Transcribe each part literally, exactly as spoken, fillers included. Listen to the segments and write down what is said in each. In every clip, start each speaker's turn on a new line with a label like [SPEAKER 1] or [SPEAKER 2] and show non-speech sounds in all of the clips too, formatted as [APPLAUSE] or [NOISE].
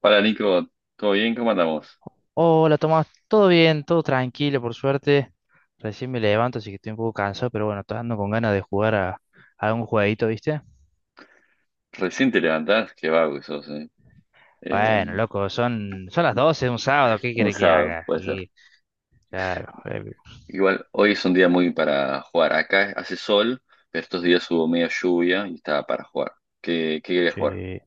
[SPEAKER 1] Hola Nico, ¿todo bien? ¿Cómo andamos?
[SPEAKER 2] Hola Tomás, todo bien, todo tranquilo, por suerte. Recién me levanto, así que estoy un poco cansado, pero bueno, estoy andando con ganas de jugar a, a un jueguito, ¿viste?
[SPEAKER 1] Recién te levantás, qué vago que sos, ¿eh? Eh,
[SPEAKER 2] Bueno, loco, son, son las doce, de un sábado, ¿qué
[SPEAKER 1] un
[SPEAKER 2] quiere que
[SPEAKER 1] sábado,
[SPEAKER 2] haga?
[SPEAKER 1] puede ser.
[SPEAKER 2] Y claro, eh,
[SPEAKER 1] Igual, hoy es un día muy para jugar. Acá hace sol, pero estos días hubo media lluvia y estaba para jugar. ¿Qué, qué querías jugar?
[SPEAKER 2] sí.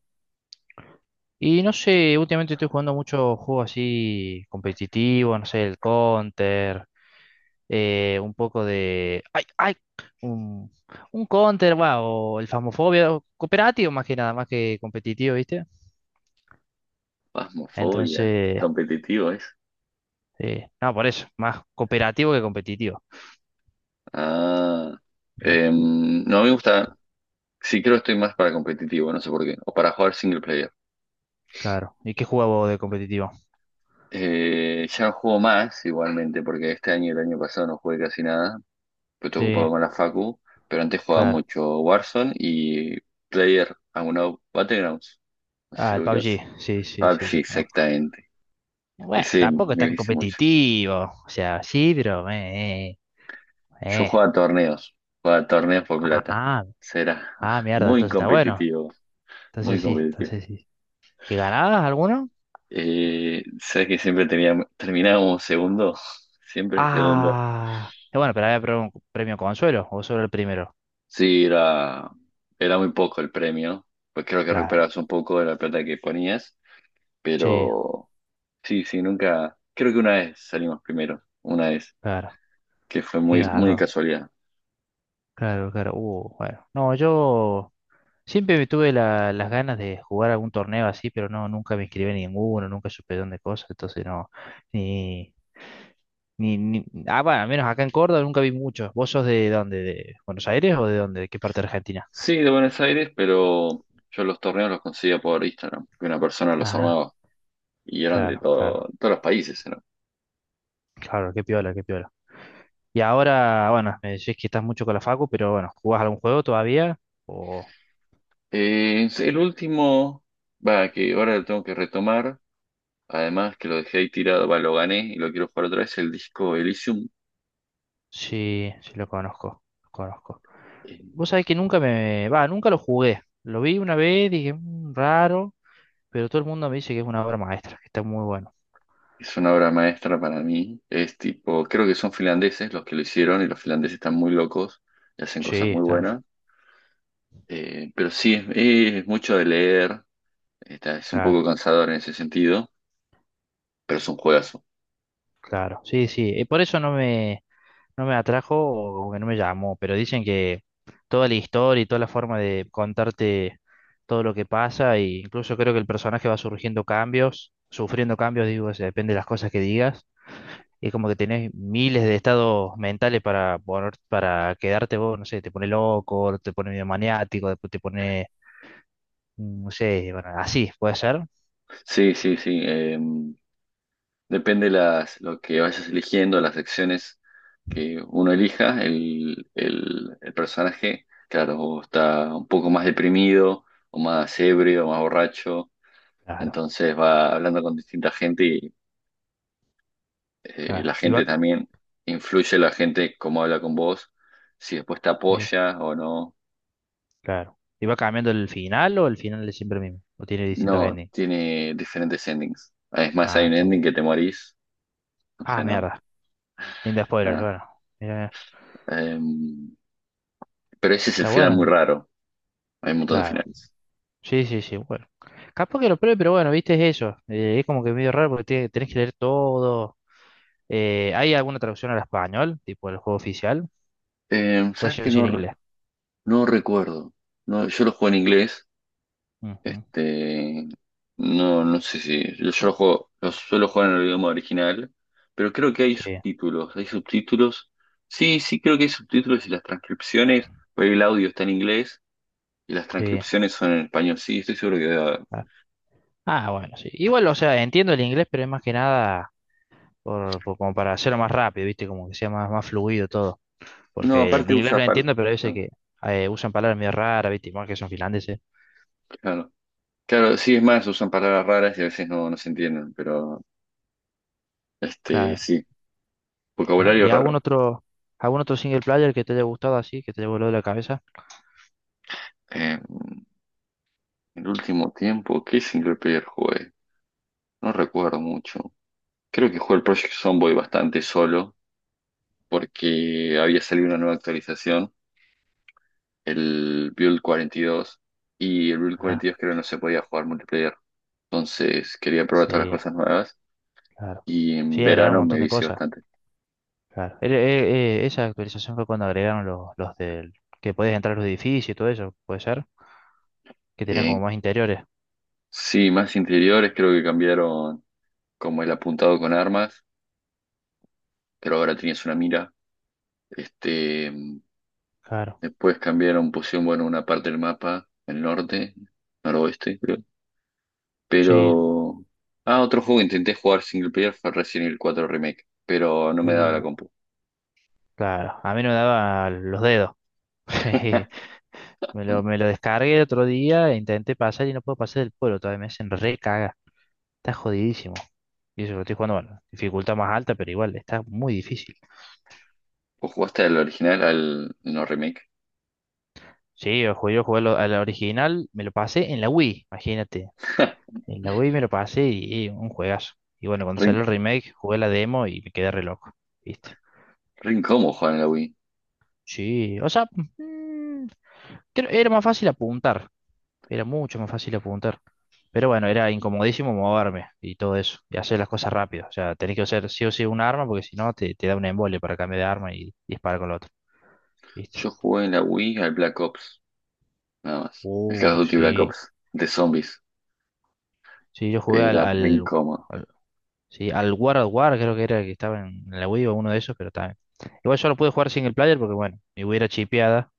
[SPEAKER 2] Y no sé, últimamente estoy jugando muchos juegos así competitivos, no sé, el Counter, eh, un poco de... ¡Ay, ay! Un, un Counter, va, o el Phasmophobia, o cooperativo más que nada, más que competitivo, ¿viste?
[SPEAKER 1] Phasmophobia,
[SPEAKER 2] Entonces,
[SPEAKER 1] competitivo es.
[SPEAKER 2] eh, no, por eso, más cooperativo que competitivo.
[SPEAKER 1] Ah,
[SPEAKER 2] Ah,
[SPEAKER 1] em, no me gusta, sí creo que estoy más para competitivo, no sé por qué, o para jugar single player.
[SPEAKER 2] claro. ¿Y qué juego de competitivo?
[SPEAKER 1] Eh, ya no juego más igualmente, porque este año y el año pasado no jugué casi nada. Pero estoy ocupado
[SPEAKER 2] Sí,
[SPEAKER 1] con la facu, pero antes jugaba
[SPEAKER 2] claro.
[SPEAKER 1] mucho Warzone y Player Unknown Battlegrounds, no sé si
[SPEAKER 2] Ah,
[SPEAKER 1] lo
[SPEAKER 2] el
[SPEAKER 1] ubicas.
[SPEAKER 2] P U B G, sí, sí, sí,
[SPEAKER 1] P U B G,
[SPEAKER 2] lo conozco.
[SPEAKER 1] exactamente.
[SPEAKER 2] Bueno,
[SPEAKER 1] Ese
[SPEAKER 2] tampoco es
[SPEAKER 1] me
[SPEAKER 2] tan
[SPEAKER 1] dice mucho.
[SPEAKER 2] competitivo. O sea, sí, pero... Eh,
[SPEAKER 1] Yo
[SPEAKER 2] eh.
[SPEAKER 1] jugaba
[SPEAKER 2] eh.
[SPEAKER 1] a torneos, jugaba a torneos por plata.
[SPEAKER 2] Ah,
[SPEAKER 1] Será
[SPEAKER 2] ah,
[SPEAKER 1] [LAUGHS]
[SPEAKER 2] mierda,
[SPEAKER 1] muy
[SPEAKER 2] entonces está bueno.
[SPEAKER 1] competitivo, muy
[SPEAKER 2] Entonces sí,
[SPEAKER 1] competitivo.
[SPEAKER 2] entonces sí. ¿Y ganabas alguno?
[SPEAKER 1] Eh, ¿sabes que siempre teníamos, terminábamos segundo? [LAUGHS] Siempre segundo.
[SPEAKER 2] Ah, eh, bueno, pero había pre- un premio consuelo, o solo el primero.
[SPEAKER 1] Sí, era, era muy poco el premio, pues creo que
[SPEAKER 2] Claro,
[SPEAKER 1] recuperabas un poco de la plata que ponías,
[SPEAKER 2] sí,
[SPEAKER 1] pero. Sí, sí, nunca. Creo que una vez salimos primero, una vez,
[SPEAKER 2] claro.
[SPEAKER 1] que fue
[SPEAKER 2] Qué
[SPEAKER 1] muy, muy de
[SPEAKER 2] garrón.
[SPEAKER 1] casualidad.
[SPEAKER 2] Claro, claro. Uh, bueno. No, yo siempre me tuve la- las ganas de jugar algún torneo así, pero no, nunca me inscribí en ninguno, nunca supe dónde cosas, entonces no, Ni, ni- ah, bueno, al menos acá en Córdoba nunca vi muchos. ¿Vos sos de dónde? ¿De Buenos Aires o de dónde? ¿De qué parte de Argentina?
[SPEAKER 1] Sí, de Buenos Aires, pero yo los torneos los conseguía por Instagram, que una persona los
[SPEAKER 2] Ah,
[SPEAKER 1] armaba y eran de
[SPEAKER 2] claro,
[SPEAKER 1] todo,
[SPEAKER 2] claro,
[SPEAKER 1] todos los países, ¿no?
[SPEAKER 2] claro, qué piola, qué piola. Y ahora, bueno, me decís que estás mucho con la Facu, pero bueno, ¿jugás algún juego todavía? O
[SPEAKER 1] Eh, sí, el último, va, que ahora lo tengo que retomar, además que lo dejé ahí tirado, va, lo gané y lo quiero jugar otra vez, el disco Elysium.
[SPEAKER 2] sí, sí lo conozco, lo conozco.
[SPEAKER 1] eh,
[SPEAKER 2] Vos sabés que nunca me, va, nunca lo jugué. Lo vi una vez, dije, "Mm, raro, pero todo el mundo me dice que es una obra maestra, que está muy bueno".
[SPEAKER 1] Es una obra maestra para mí. Es tipo, creo que son finlandeses los que lo hicieron y los finlandeses están muy locos y hacen cosas
[SPEAKER 2] Sí,
[SPEAKER 1] muy
[SPEAKER 2] está-
[SPEAKER 1] buenas. Eh, pero sí, es, es mucho de leer, está, es un poco
[SPEAKER 2] claro,
[SPEAKER 1] cansador en ese sentido, pero es un juegazo.
[SPEAKER 2] claro. Sí, sí, eh, por eso no me no me atrajo o como que no me llamó, pero dicen que toda la historia y toda la forma de contarte todo lo que pasa, e incluso creo que el personaje va surgiendo cambios, sufriendo cambios, digo, o sea, depende de las cosas que digas, y es como que tenés miles de estados mentales para poner, para quedarte vos, no sé, te pone loco, te pone medio maniático, después te pone, mm, no sé, bueno, así, puede ser,
[SPEAKER 1] Sí, sí, sí. eh, depende las, lo que vayas eligiendo, las secciones que uno elija, el, el, el personaje, claro, o está un poco más deprimido, o más ebrio, o más borracho,
[SPEAKER 2] claro,
[SPEAKER 1] entonces va hablando con distinta gente y eh, la
[SPEAKER 2] claro, y va,
[SPEAKER 1] gente también influye, la gente cómo habla con vos, si después te
[SPEAKER 2] sí,
[SPEAKER 1] apoya o no.
[SPEAKER 2] claro. ¿Y va cambiando el final o el final es siempre el mismo? ¿O tiene distintos
[SPEAKER 1] No,
[SPEAKER 2] endings?
[SPEAKER 1] tiene diferentes endings. Es más,
[SPEAKER 2] Ah,
[SPEAKER 1] hay un
[SPEAKER 2] está
[SPEAKER 1] ending
[SPEAKER 2] bueno.
[SPEAKER 1] que te morís. O
[SPEAKER 2] Ah,
[SPEAKER 1] sea, no.
[SPEAKER 2] mierda. Linda spoiler,
[SPEAKER 1] Ah.
[SPEAKER 2] claro. Mira,
[SPEAKER 1] Em, pero ese es el
[SPEAKER 2] está
[SPEAKER 1] final muy
[SPEAKER 2] bueno,
[SPEAKER 1] raro. Hay un montón de
[SPEAKER 2] claro.
[SPEAKER 1] finales.
[SPEAKER 2] Sí, sí, sí, bueno. Capaz que lo pruebe, pero bueno, viste, es eso. Eh, es como que medio raro porque te- tenés que leer todo. Eh, ¿hay alguna traducción al español? Tipo el juego oficial.
[SPEAKER 1] Em,
[SPEAKER 2] Pues
[SPEAKER 1] ¿sabes
[SPEAKER 2] yo
[SPEAKER 1] qué?
[SPEAKER 2] sí en
[SPEAKER 1] No, re-
[SPEAKER 2] inglés.
[SPEAKER 1] no recuerdo. No, yo lo juego en inglés.
[SPEAKER 2] Ujú,
[SPEAKER 1] Este, no, no sé si. Yo, yo lo juego, lo suelo jugar en el idioma original. Pero creo que hay
[SPEAKER 2] sí,
[SPEAKER 1] subtítulos. Hay subtítulos. Sí, sí, creo que hay subtítulos y las transcripciones. Porque el audio está en inglés y las
[SPEAKER 2] sí.
[SPEAKER 1] transcripciones son en español. Sí, estoy seguro que,
[SPEAKER 2] Ah, ah, bueno, sí. Igual, o sea, entiendo el inglés, pero es más que nada por, por- como para hacerlo más rápido, viste, como que sea más, más fluido todo.
[SPEAKER 1] no,
[SPEAKER 2] Porque el
[SPEAKER 1] aparte
[SPEAKER 2] inglés lo
[SPEAKER 1] usa palabras.
[SPEAKER 2] entiendo, pero a veces que eh, usan palabras medio raras, viste, igual que son finlandeses.
[SPEAKER 1] Claro. Claro, sí, es más, usan palabras raras y a veces no, no se entienden, pero este,
[SPEAKER 2] Claro.
[SPEAKER 1] sí,
[SPEAKER 2] Claro.
[SPEAKER 1] vocabulario
[SPEAKER 2] ¿Y algún
[SPEAKER 1] raro.
[SPEAKER 2] otro, algún otro single player que te haya gustado así, que te haya volado la cabeza?
[SPEAKER 1] Eh, el último tiempo, ¿qué single player jugué? No recuerdo mucho. Creo que jugué el Project Zomboid bastante solo, porque había salido una nueva actualización, el Build cuarenta y dos y el Build
[SPEAKER 2] Ah,
[SPEAKER 1] cuarenta y dos creo que no se podía jugar multiplayer. Entonces quería probar todas las
[SPEAKER 2] sí,
[SPEAKER 1] cosas nuevas
[SPEAKER 2] claro.
[SPEAKER 1] y en
[SPEAKER 2] Sí, agregaron un
[SPEAKER 1] verano me
[SPEAKER 2] montón de
[SPEAKER 1] vicié
[SPEAKER 2] cosas.
[SPEAKER 1] bastante.
[SPEAKER 2] Claro. Eh, eh, eh, esa actualización fue cuando agregaron los, los del... que podías entrar a los edificios y todo eso, puede ser, que tenían como
[SPEAKER 1] En
[SPEAKER 2] más interiores.
[SPEAKER 1] Sí, más interiores, creo que cambiaron como el apuntado con armas, pero ahora tenías una mira. Este, mm,
[SPEAKER 2] Claro.
[SPEAKER 1] después cambiaron, pusieron, bueno, una parte del mapa, el norte, noroeste, creo.
[SPEAKER 2] Sí.
[SPEAKER 1] Pero ah, otro juego que intenté jugar single player fue Resident Evil cuatro Remake, pero no me daba la
[SPEAKER 2] Uh,
[SPEAKER 1] compu.
[SPEAKER 2] claro. A mí no me daba los dedos. [LAUGHS]
[SPEAKER 1] [LAUGHS]
[SPEAKER 2] Me lo, me lo descargué el otro día e intenté pasar y no puedo pasar del pueblo. Todavía me hacen re caga. Está jodidísimo. Y eso que lo estoy jugando, bueno, dificultad más alta, pero igual, está muy difícil.
[SPEAKER 1] ¿Vos jugaste al original, al no remake?
[SPEAKER 2] Sí, yo jugué, yo jugué lo- al original, me lo pasé en la Wii, imagínate.
[SPEAKER 1] [LAUGHS]
[SPEAKER 2] En la Wii me lo pasé y, y un juegazo. Y bueno, cuando
[SPEAKER 1] Rin,
[SPEAKER 2] salió el remake, jugué la demo y me quedé re loco, ¿viste?
[SPEAKER 1] Rin, ¿cómo jugar en la Wii?
[SPEAKER 2] Sí, o sea, mm, creo- era más fácil apuntar, era mucho más fácil apuntar. Pero bueno, era incomodísimo moverme y todo eso, y hacer las cosas rápido. O sea, tenés que usar sí o sí un arma porque si no te, te da un embole para cambiar de arma y disparar con la otra, ¿viste?
[SPEAKER 1] Yo jugué en la Wii al Black Ops, nada más. El Call of
[SPEAKER 2] Uh,
[SPEAKER 1] Duty Black
[SPEAKER 2] sí.
[SPEAKER 1] Ops, de zombies.
[SPEAKER 2] Sí, yo jugué al,
[SPEAKER 1] Era Rin.
[SPEAKER 2] al, sí, al War of War creo que era el que estaba en en la Wii o uno de esos, pero también. Igual yo lo pude jugar single player porque, bueno, mi Wii era chipeada,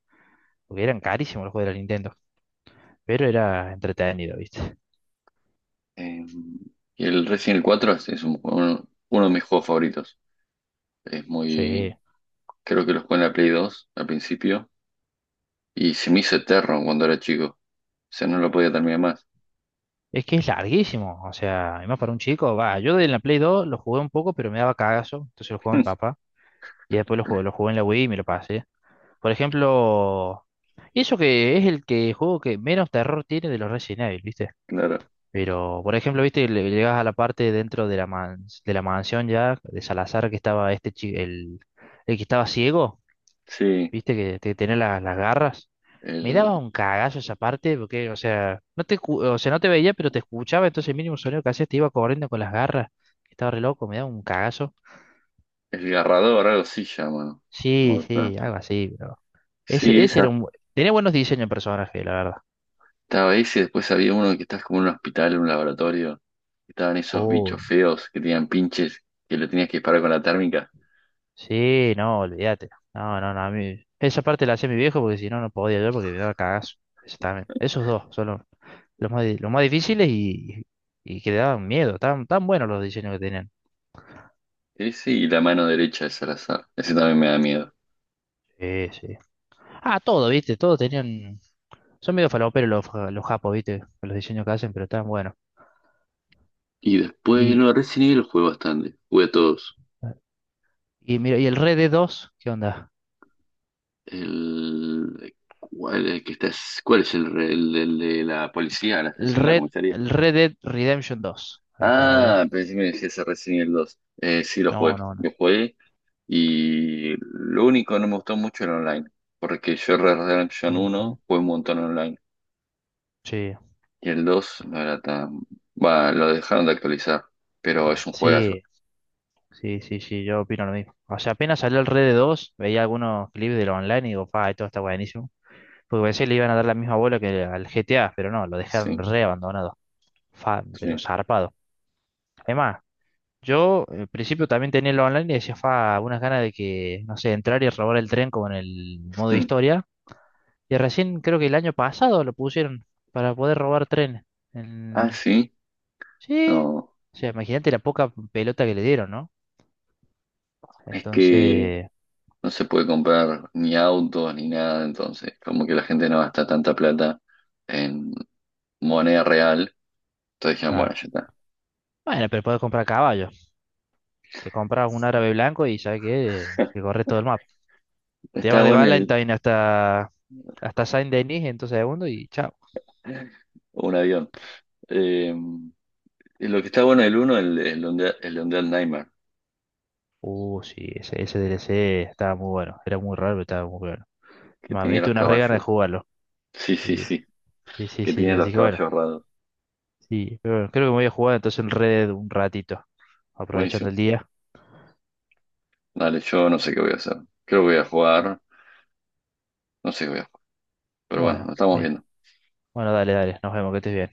[SPEAKER 2] porque eran carísimos los juegos de la Nintendo, pero era entretenido, ¿viste?
[SPEAKER 1] Eh, y el Resident Evil cuatro es, es un- un- uno de mis juegos favoritos. Es
[SPEAKER 2] Sí,
[SPEAKER 1] muy. Creo que los jugué en la Play dos al principio. Y se me hizo eterno cuando era chico. O sea, no lo podía terminar más.
[SPEAKER 2] es que es larguísimo, o sea, y más para un chico, va, yo en la Play dos lo jugué un poco, pero me daba cagazo, entonces lo jugó mi papá, y después lo jugué, lo jugué en la Wii y me lo pasé. Por ejemplo, y eso que es el que juego que menos terror tiene de los Resident Evil, ¿viste?
[SPEAKER 1] Claro.
[SPEAKER 2] Pero, por ejemplo, viste, Le- llegas a la parte dentro de la mans- de la mansión ya, de Salazar, que estaba este chi- el, el que estaba ciego,
[SPEAKER 1] Sí.
[SPEAKER 2] viste, que, te- tenía la- las garras. Me
[SPEAKER 1] El,
[SPEAKER 2] daba un cagazo esa parte, porque, o sea, no te, escu- o sea, no te veía, pero te escuchaba, entonces el mínimo sonido que hacías te iba corriendo con las garras. Estaba re loco, me daba un cagazo.
[SPEAKER 1] el garrador, algo así llama. No me
[SPEAKER 2] Sí,
[SPEAKER 1] acuerdo.
[SPEAKER 2] sí, algo así, pero. Ese,
[SPEAKER 1] Sí,
[SPEAKER 2] ese era
[SPEAKER 1] esa.
[SPEAKER 2] un. bu- Tenía buenos diseños de personaje, la verdad.
[SPEAKER 1] Estaba ese. Después había uno que estás como en un hospital, en un laboratorio. Estaban esos
[SPEAKER 2] Oh,
[SPEAKER 1] bichos feos que tenían pinches que le tenías que disparar con la térmica.
[SPEAKER 2] sí, no, olvídate. No, no, no, a mí. Esa parte la hacía mi viejo porque si no, no podía yo porque me daba cagazo. Eso también. Esos dos son los, los más, di- los más difíciles y, y que le daban miedo. Tan, tan buenos los diseños que tenían.
[SPEAKER 1] Ese y la mano derecha es al azar. Ese también me da miedo.
[SPEAKER 2] Sí, sí. Ah, todo, viste, todos tenían. Son medio faloperos los, ja- los japos, viste, con los diseños que hacen, pero están buenos.
[SPEAKER 1] Y después,
[SPEAKER 2] Y,
[SPEAKER 1] no, Resident Evil jugué bastante. Jugué a todos.
[SPEAKER 2] y mira, ¿y el Red Dead dos? ¿Qué onda?
[SPEAKER 1] El, ¿cuál, el que está, cuál es el, re- el- el de la policía, la
[SPEAKER 2] El
[SPEAKER 1] estación de la
[SPEAKER 2] Red,
[SPEAKER 1] comisaría?
[SPEAKER 2] el Red Dead Redemption dos. Ahí está, a ver.
[SPEAKER 1] Ah, pensé que me decías el Resident Evil dos. Eh, sí, lo
[SPEAKER 2] No,
[SPEAKER 1] jugué.
[SPEAKER 2] no, no.
[SPEAKER 1] Lo jugué y lo único que no me gustó mucho era online. Porque yo Red Dead Redemption
[SPEAKER 2] Ujú.
[SPEAKER 1] uno jugué un montón online.
[SPEAKER 2] Sí.
[SPEAKER 1] Y el dos no era tan, va, lo dejaron de actualizar. Pero es un juegazo.
[SPEAKER 2] Sí, sí, sí, sí, yo opino lo mismo. O sea, apenas salió el Red dos, veía algunos clips de lo online y digo, pa, esto está buenísimo. Porque pensé que le iban a dar la misma bola que al G T A, pero no, lo dejaron
[SPEAKER 1] Sí,
[SPEAKER 2] re abandonado. Fa,
[SPEAKER 1] sí.
[SPEAKER 2] pero zarpado. Además, yo al principio también tenía lo online y decía, fa, algunas ganas de que, no sé, entrar y robar el tren como en el modo
[SPEAKER 1] Hmm.
[SPEAKER 2] historia. Y recién creo que el año pasado lo pusieron para poder robar tren.
[SPEAKER 1] Ah,
[SPEAKER 2] En-
[SPEAKER 1] sí.
[SPEAKER 2] sí.
[SPEAKER 1] No.
[SPEAKER 2] O sea, imagínate la poca pelota que le dieron, ¿no?
[SPEAKER 1] Es que
[SPEAKER 2] Entonces...
[SPEAKER 1] no se puede comprar ni autos ni nada, entonces como que la gente no gasta tanta plata en moneda real, entonces dijeron, bueno,
[SPEAKER 2] claro,
[SPEAKER 1] ya está.
[SPEAKER 2] bueno, pero puedes comprar caballos. Te compras un árabe blanco y sabes que, que
[SPEAKER 1] [LAUGHS]
[SPEAKER 2] corre todo el mapa. Te
[SPEAKER 1] Está
[SPEAKER 2] llevas de
[SPEAKER 1] bueno el,
[SPEAKER 2] Valentine hasta, hasta Saint-Denis en dos segundos y chao.
[SPEAKER 1] un avión. Eh, y lo que está bueno el uno, el, el, Undead- el Undead Nightmare,
[SPEAKER 2] Uh, sí, ese, ese D L C estaba muy bueno. Era muy raro, pero estaba muy bueno.
[SPEAKER 1] que
[SPEAKER 2] Me
[SPEAKER 1] tenía
[SPEAKER 2] diste
[SPEAKER 1] los
[SPEAKER 2] una re gana de
[SPEAKER 1] caballos.
[SPEAKER 2] jugarlo.
[SPEAKER 1] Sí, sí,
[SPEAKER 2] Sí,
[SPEAKER 1] sí,
[SPEAKER 2] sí, sí,
[SPEAKER 1] que
[SPEAKER 2] sí.
[SPEAKER 1] tenía los
[SPEAKER 2] Así que bueno,
[SPEAKER 1] caballos raros.
[SPEAKER 2] sí. Pero bueno, creo que me voy a jugar entonces el Red Dead un ratito, aprovechando
[SPEAKER 1] Buenísimo.
[SPEAKER 2] el día.
[SPEAKER 1] Dale, yo no sé qué voy a hacer. Creo que voy a jugar, no sé qué voy a jugar, pero bueno, nos
[SPEAKER 2] Bueno,
[SPEAKER 1] estamos
[SPEAKER 2] ahí.
[SPEAKER 1] viendo.
[SPEAKER 2] Bueno, dale, dale. Nos vemos, que estés bien.